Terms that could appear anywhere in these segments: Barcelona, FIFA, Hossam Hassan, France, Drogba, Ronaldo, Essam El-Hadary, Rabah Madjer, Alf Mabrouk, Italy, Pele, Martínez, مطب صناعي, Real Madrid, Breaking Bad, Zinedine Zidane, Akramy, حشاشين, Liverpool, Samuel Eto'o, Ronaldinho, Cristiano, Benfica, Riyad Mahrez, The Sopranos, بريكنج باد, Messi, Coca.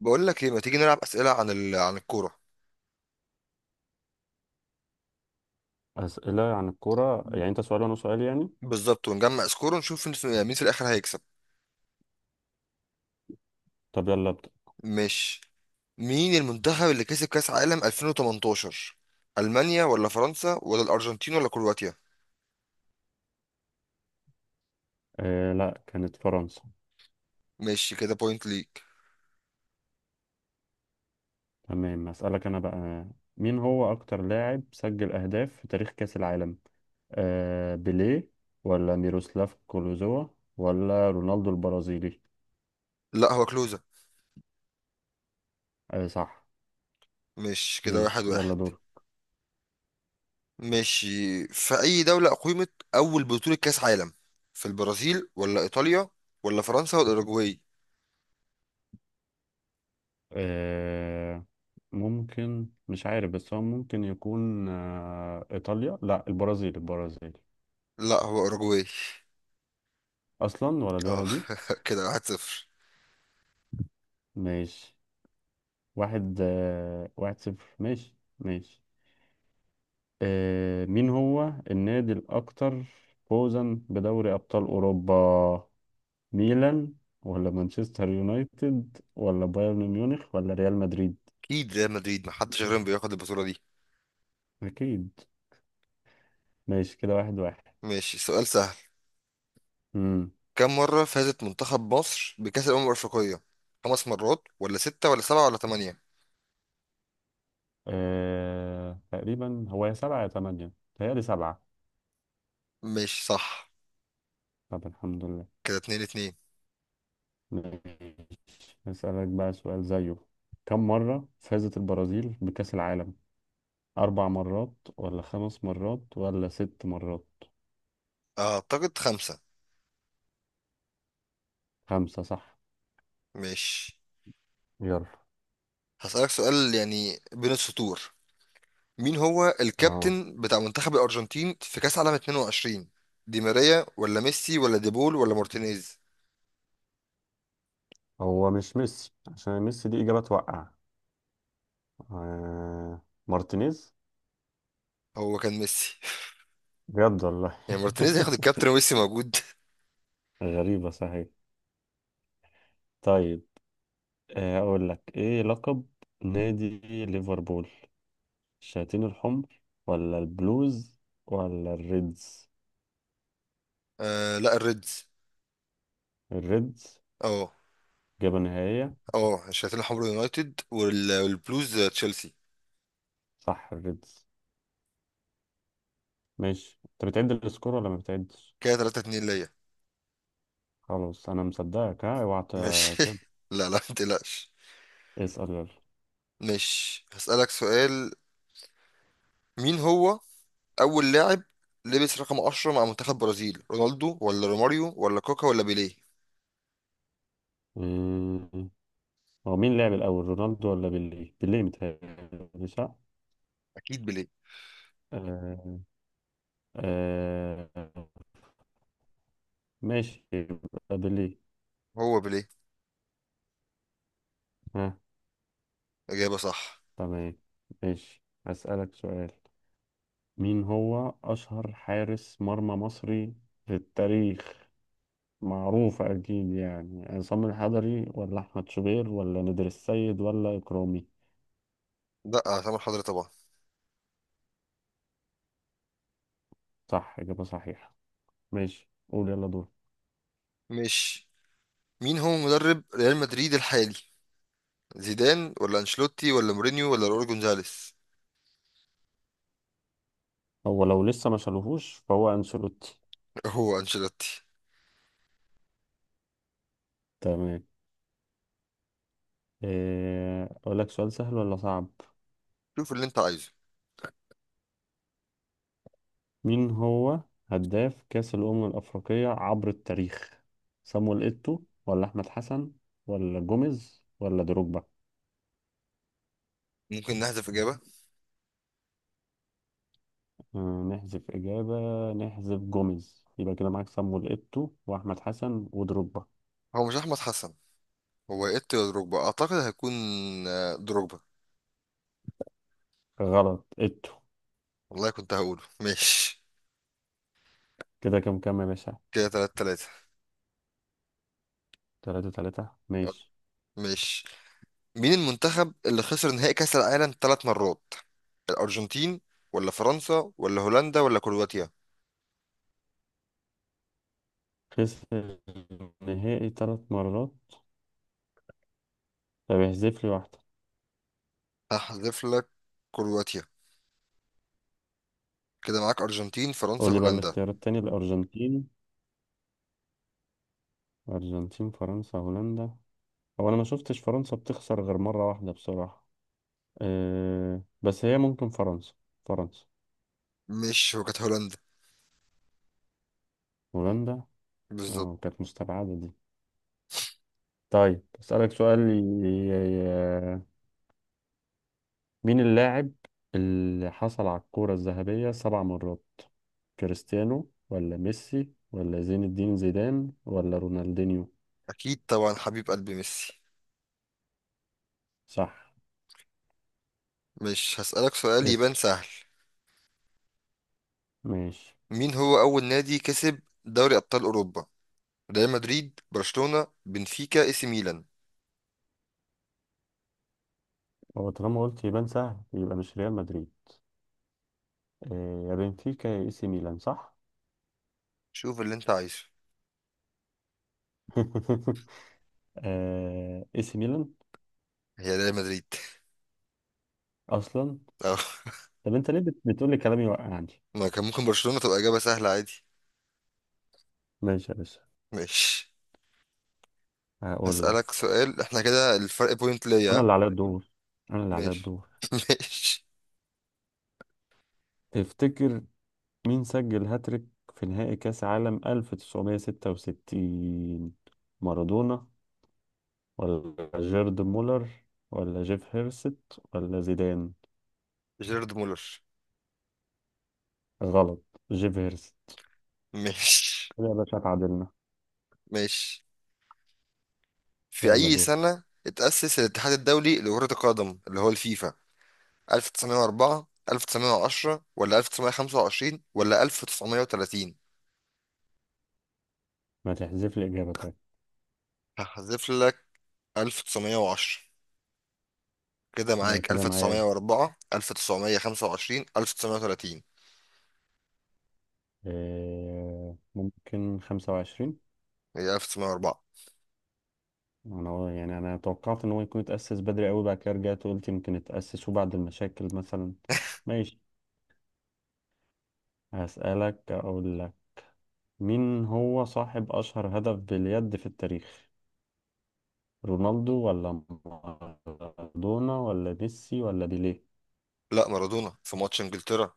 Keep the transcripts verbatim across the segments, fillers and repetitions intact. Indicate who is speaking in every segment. Speaker 1: بقول لك ايه، ما تيجي نلعب اسئله عن ال... عن الكوره.
Speaker 2: أسئلة عن الكورة، يعني أنت سؤال وأنا سؤال يعني.
Speaker 1: بالظبط، ونجمع سكور ونشوف نس- مين في الاخر هيكسب.
Speaker 2: طب يلا أبدأ.
Speaker 1: مش مين المنتخب اللي كسب كاس عالم ألفين وثمانية عشر؟ المانيا ولا فرنسا ولا الارجنتين ولا كرواتيا؟
Speaker 2: آه لا، كانت فرنسا.
Speaker 1: ماشي، كده بوينت ليك.
Speaker 2: تمام، أسألك أنا بقى. مين هو أكتر لاعب سجل أهداف في تاريخ كأس العالم، آه بيليه ولا ميروسلاف كلوزوا ولا رونالدو البرازيلي؟
Speaker 1: لا، هو كلوزة.
Speaker 2: آه صح.
Speaker 1: مش كده، واحد
Speaker 2: ماشي يلا
Speaker 1: واحد.
Speaker 2: دور.
Speaker 1: ماشي، في اي دوله اقيمت اول بطوله كاس عالم؟ في البرازيل ولا ايطاليا ولا فرنسا ولا اوروجواي؟
Speaker 2: آه ممكن، مش عارف، بس هو ممكن يكون آه إيطاليا، لا البرازيل، البرازيل.
Speaker 1: لا، هو اوروجواي.
Speaker 2: أصلا ولا دي ولا
Speaker 1: اه،
Speaker 2: دي.
Speaker 1: كده واحد صفر.
Speaker 2: ماشي. واحد آه، واحد صفر. ماشي ماشي. آه، مين هو النادي الأكثر فوزا بدوري أبطال أوروبا؟ ميلان ولا مانشستر يونايتد ولا بايرن ميونخ ولا ريال مدريد؟
Speaker 1: اكيد ريال مدريد، محدش غيرهم بياخد البطوله.
Speaker 2: أكيد. ماشي كده واحد واحد.
Speaker 1: ماشي، سؤال سهل.
Speaker 2: مم.
Speaker 1: كم مرة فازت منتخب مصر بكأس الأمم الأفريقية؟ خمس مرات ولا ستة ولا سبعة ولا تمانية؟
Speaker 2: آه، تقريبا هو يا سبعة يا تمانية، تهيألي سبعة.
Speaker 1: ماشي صح،
Speaker 2: طب الحمد لله.
Speaker 1: كده اتنين اتنين.
Speaker 2: ماشي، هسألك بقى سؤال زيه. كم مرة فازت البرازيل بكأس العالم؟ أربع مرات ولا خمس مرات ولا ست مرات؟
Speaker 1: أعتقد خمسة.
Speaker 2: خمسة صح.
Speaker 1: ماشي،
Speaker 2: يلا.
Speaker 1: هسألك سؤال يعني بين السطور. مين هو
Speaker 2: اه،
Speaker 1: الكابتن بتاع منتخب الأرجنتين في كأس عالم اتنين وعشرين؟ دي ماريا ولا ميسي ولا ديبول ولا مارتينيز؟
Speaker 2: هو مش ميسي، عشان ميسي دي إجابة توقع. آه. مارتينيز.
Speaker 1: هو كان ميسي.
Speaker 2: بجد والله.
Speaker 1: يعني مارتينيز هياخد الكابتن وميسي موجود؟
Speaker 2: غريبة صحيح. طيب آه، أقول لك إيه لقب نادي ليفربول؟ الشياطين الحمر ولا البلوز ولا الريدز؟
Speaker 1: آه لا، الريدز.
Speaker 2: الريدز.
Speaker 1: اه،
Speaker 2: إجابة نهائية.
Speaker 1: اه الشياطين الحمر يونايتد وال- والبلوز تشيلسي.
Speaker 2: صح الريدز. ماشي، أنت بتعد السكور ولا ما بتعدش؟
Speaker 1: كده ثلاثة اتنين ليا.
Speaker 2: خلاص انا مصدقك، ها اوعى
Speaker 1: ماشي،
Speaker 2: ت- كده.
Speaker 1: لا لا ما تقلقش.
Speaker 2: اسأل يلا.
Speaker 1: ماشي، هسألك سؤال. مين هو أول لاعب لبس رقم عشرة مع منتخب برازيل؟ رونالدو ولا روماريو ولا كوكا ولا بيليه؟
Speaker 2: مم. هو مين لعب الاول، رونالدو ولا بيليه؟ بيليه متهيألي صح.
Speaker 1: أكيد بيليه.
Speaker 2: آه. آه. ماشي يبقى بيليه.
Speaker 1: هو بيليه،
Speaker 2: ها.
Speaker 1: إجابة صح.
Speaker 2: تمام. ماشي، اسألك سؤال. مين هو اشهر حارس مرمى مصري في التاريخ؟ معروف اكيد يعني، عصام الحضري ولا احمد شوبير ولا نادر السيد ولا اكرامي؟
Speaker 1: لا، سامح حضرتك طبعا.
Speaker 2: صح، اجابة صحيحة. ماشي، قول يلا دور.
Speaker 1: ماشي، مين هو مدرب ريال مدريد الحالي؟ زيدان ولا أنشيلوتي ولا مورينيو ولا راؤول جونزاليس؟
Speaker 2: هو لو لسه ما شالوهوش فهو أنشيلوتي.
Speaker 1: هو أنشيلوتي.
Speaker 2: تمام. إيه، أقول لك سؤال سهل ولا صعب؟
Speaker 1: شوف اللي أنت عايزه.
Speaker 2: مين هو هداف كأس الأمم الأفريقية عبر التاريخ؟ صامويل إيتو ولا أحمد حسن ولا جوميز ولا دروجبا؟
Speaker 1: ممكن نحذف إجابة.
Speaker 2: آه، نحذف إجابة. نحذف جوميز، يبقى كده معاك صامويل إيتو وأحمد حسن ودروجبا.
Speaker 1: هو مش أحمد حسن، هو إيه، دروجبا أعتقد هيكون. آه، دروجبا.
Speaker 2: غلط، إيتو.
Speaker 1: والله كنت هقوله. ماشي،
Speaker 2: كده كام كام يا باشا؟
Speaker 1: كده تلات تلاتة.
Speaker 2: تلاتة تلاتة ماشي.
Speaker 1: ماشي، مين المنتخب اللي خسر نهائي كأس العالم تلات مرات؟ الأرجنتين ولا فرنسا ولا هولندا ولا كرواتيا؟
Speaker 2: خسر النهائي تلات مرات. طب احذف لي واحدة.
Speaker 1: هحذف لك كرواتيا، كده معاك أرجنتين فرنسا
Speaker 2: قول لي بقى
Speaker 1: هولندا.
Speaker 2: الاختيار التاني، الأرجنتين، أرجنتين فرنسا هولندا. هو أنا ما شفتش فرنسا بتخسر غير مرة واحدة بصراحة. أه، بس هي ممكن فرنسا. فرنسا.
Speaker 1: مش هو كانت هولندا.
Speaker 2: هولندا.
Speaker 1: بالظبط.
Speaker 2: اه كانت مستبعدة دي. طيب أسألك سؤال ي- ي- مين اللاعب اللي حصل على الكرة الذهبية سبع مرات؟ كريستيانو ولا ميسي ولا زين الدين زيدان ولا رونالدينيو؟
Speaker 1: أكيد طبعا، حبيب قلبي ميسي.
Speaker 2: صح.
Speaker 1: مش هسألك سؤال يبان
Speaker 2: اسأل.
Speaker 1: سهل.
Speaker 2: ماشي.
Speaker 1: مين هو أول نادي كسب دوري أبطال أوروبا؟ ريال مدريد، برشلونة، بنفيكا، إي سي ميلان؟
Speaker 2: هو طالما قلت يبان سهل يبقى مش ريال مدريد. آه، يا بنفيكا يا اي سي ميلان، صح؟
Speaker 1: شوف اللي أنت عايزه.
Speaker 2: آه، اي سي ميلان.
Speaker 1: هي ريال مدريد.
Speaker 2: اصلا. طب انت ليه بت- بتقول لي كلامي واقع عندي؟
Speaker 1: ما كان ممكن برشلونة تبقى إجابة سهلة عادي.
Speaker 2: ماشي يا باشا.
Speaker 1: ماشي،
Speaker 2: هقول لك.
Speaker 1: هسألك سؤال. احنا كده الفرق بوينت ليا،
Speaker 2: انا
Speaker 1: ها؟
Speaker 2: اللي عليا الدور، انا اللي عليا
Speaker 1: ماشي،
Speaker 2: الدور.
Speaker 1: ماشي.
Speaker 2: تفتكر مين سجل هاتريك في نهائي كاس عالم ألف وتسعمية وستة وستين؟ مارادونا ولا جيرد مولر ولا جيف هيرست ولا زيدان؟
Speaker 1: جيرارد مولر.
Speaker 2: غلط، جيف هيرست.
Speaker 1: ماشي،
Speaker 2: كده يا باشا اتعادلنا.
Speaker 1: ماشي. في
Speaker 2: يلا
Speaker 1: أي
Speaker 2: دور.
Speaker 1: سنة اتأسس الاتحاد الدولي لكرة القدم اللي هو الفيفا؟ ألف وتسعمية وأربعة، ألف وتسعمية وعشرة ولا ألف وتسعمية وخمسة وعشرين ولا ألف وتسعمائة وثلاثين؟
Speaker 2: ما تحذف لي اجابه طيب.
Speaker 1: هحذف لك ألف وتسعمية وعشرة، كده
Speaker 2: يبقى
Speaker 1: معاك
Speaker 2: كده معايا.
Speaker 1: ألف وتسعمائة وأربعة ألف وتسعمائة وخمسة وعشرين ألف وتسعمية وتلاتين.
Speaker 2: آه، ممكن خمسة وعشرين.
Speaker 1: هي ألف وتسعمية وأربعة.
Speaker 2: أنا هو- يعني أنا توقعت إن هو يكون اتأسس بدري أوي، بعد كده رجعت وقلت يمكن اتأسسوا بعد المشاكل مثلا. ماشي. هسألك، أقول لك، مين هو صاحب أشهر هدف باليد في التاريخ؟ رونالدو ولا مارادونا ولا ميسي ولا بيليه؟
Speaker 1: لا، مارادونا في ماتش انجلترا.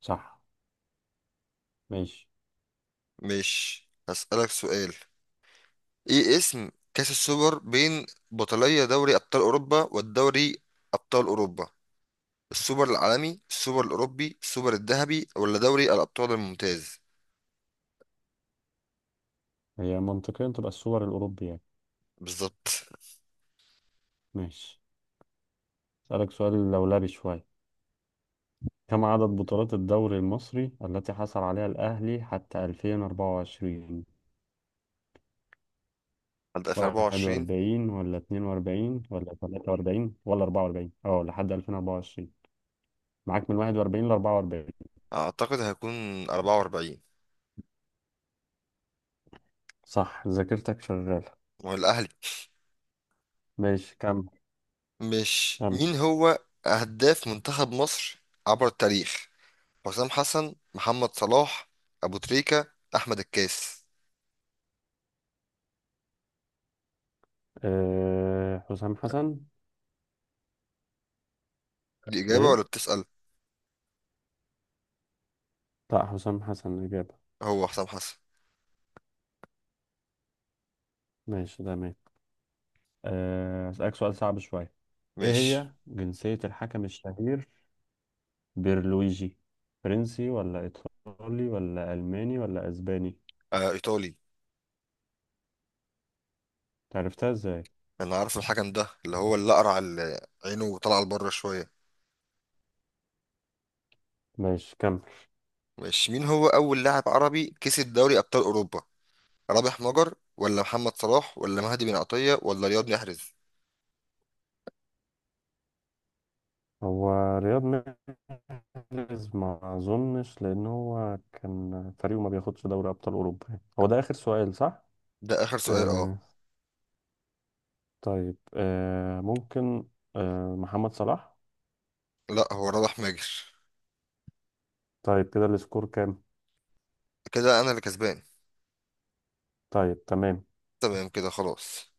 Speaker 2: صح. ماشي.
Speaker 1: مش هسألك سؤال. ايه اسم كأس السوبر بين بطلية دوري أبطال أوروبا والدوري أبطال أوروبا؟ السوبر العالمي، السوبر الأوروبي، السوبر الذهبي ولا دوري الأبطال الممتاز؟
Speaker 2: هي منطقيا تبقى السوبر الأوروبي يعني.
Speaker 1: بالظبط.
Speaker 2: ماشي. أسألك سؤال لولبي شوية. كم عدد بطولات الدوري المصري التي حصل عليها الأهلي حتى ألفين وأربعة وعشرين؟
Speaker 1: هبدأ في أربعة وعشرين.
Speaker 2: واحد وأربعين ولا اتنين وأربعين ولا تلاتة وأربعين ولا أربعة وأربعين؟ اه لحد ألفين وأربعة وعشرين. معاك من واحد وأربعين ل أربعة وأربعين.
Speaker 1: أعتقد هيكون أربعة وأربعين.
Speaker 2: صح، ذاكرتك شغالة.
Speaker 1: والأهلي.
Speaker 2: ماشي كم.
Speaker 1: مش
Speaker 2: كم.
Speaker 1: مين هو هداف منتخب مصر عبر التاريخ؟ حسام حسن، محمد صلاح، أبو تريكة، أحمد الكاس؟
Speaker 2: أه حسام حسن.
Speaker 1: دي إجابة
Speaker 2: ايه.
Speaker 1: ولا بتسأل؟
Speaker 2: لا حسام حسن الإجابة.
Speaker 1: هو حسام حسن.
Speaker 2: ماشي تمام. أه، أسألك سؤال صعب شوية. ايه
Speaker 1: ماشي.
Speaker 2: هي جنسية الحكم الشهير بيرلويجي؟ فرنسي ولا ايطالي ولا الماني ولا اسباني؟
Speaker 1: آه، ايطالي.
Speaker 2: عرفتها ازاي؟
Speaker 1: انا عارف الحكم ده اللي هو الاقرع، اللي اقرع ال- عينه طالعه لبره شويه.
Speaker 2: ماشي كمل.
Speaker 1: ماشي، مين هو اول لاعب عربي كسب دوري ابطال اوروبا؟ رابح مجر ولا محمد صلاح ولا مهدي بن عطيه ولا رياض محرز؟
Speaker 2: هو رياض محرز ما اظنش، لان هو كان فريقه ما بياخدش دوري ابطال اوروبا يعني. هو ده اخر سؤال صح؟
Speaker 1: ده اخر سؤال، اه.
Speaker 2: آه. طيب آه ممكن. آه محمد صلاح.
Speaker 1: لا، هو رابح ماجر.
Speaker 2: طيب كده السكور كام؟
Speaker 1: كده انا اللي كسبان.
Speaker 2: طيب تمام.
Speaker 1: تمام، كده خلاص.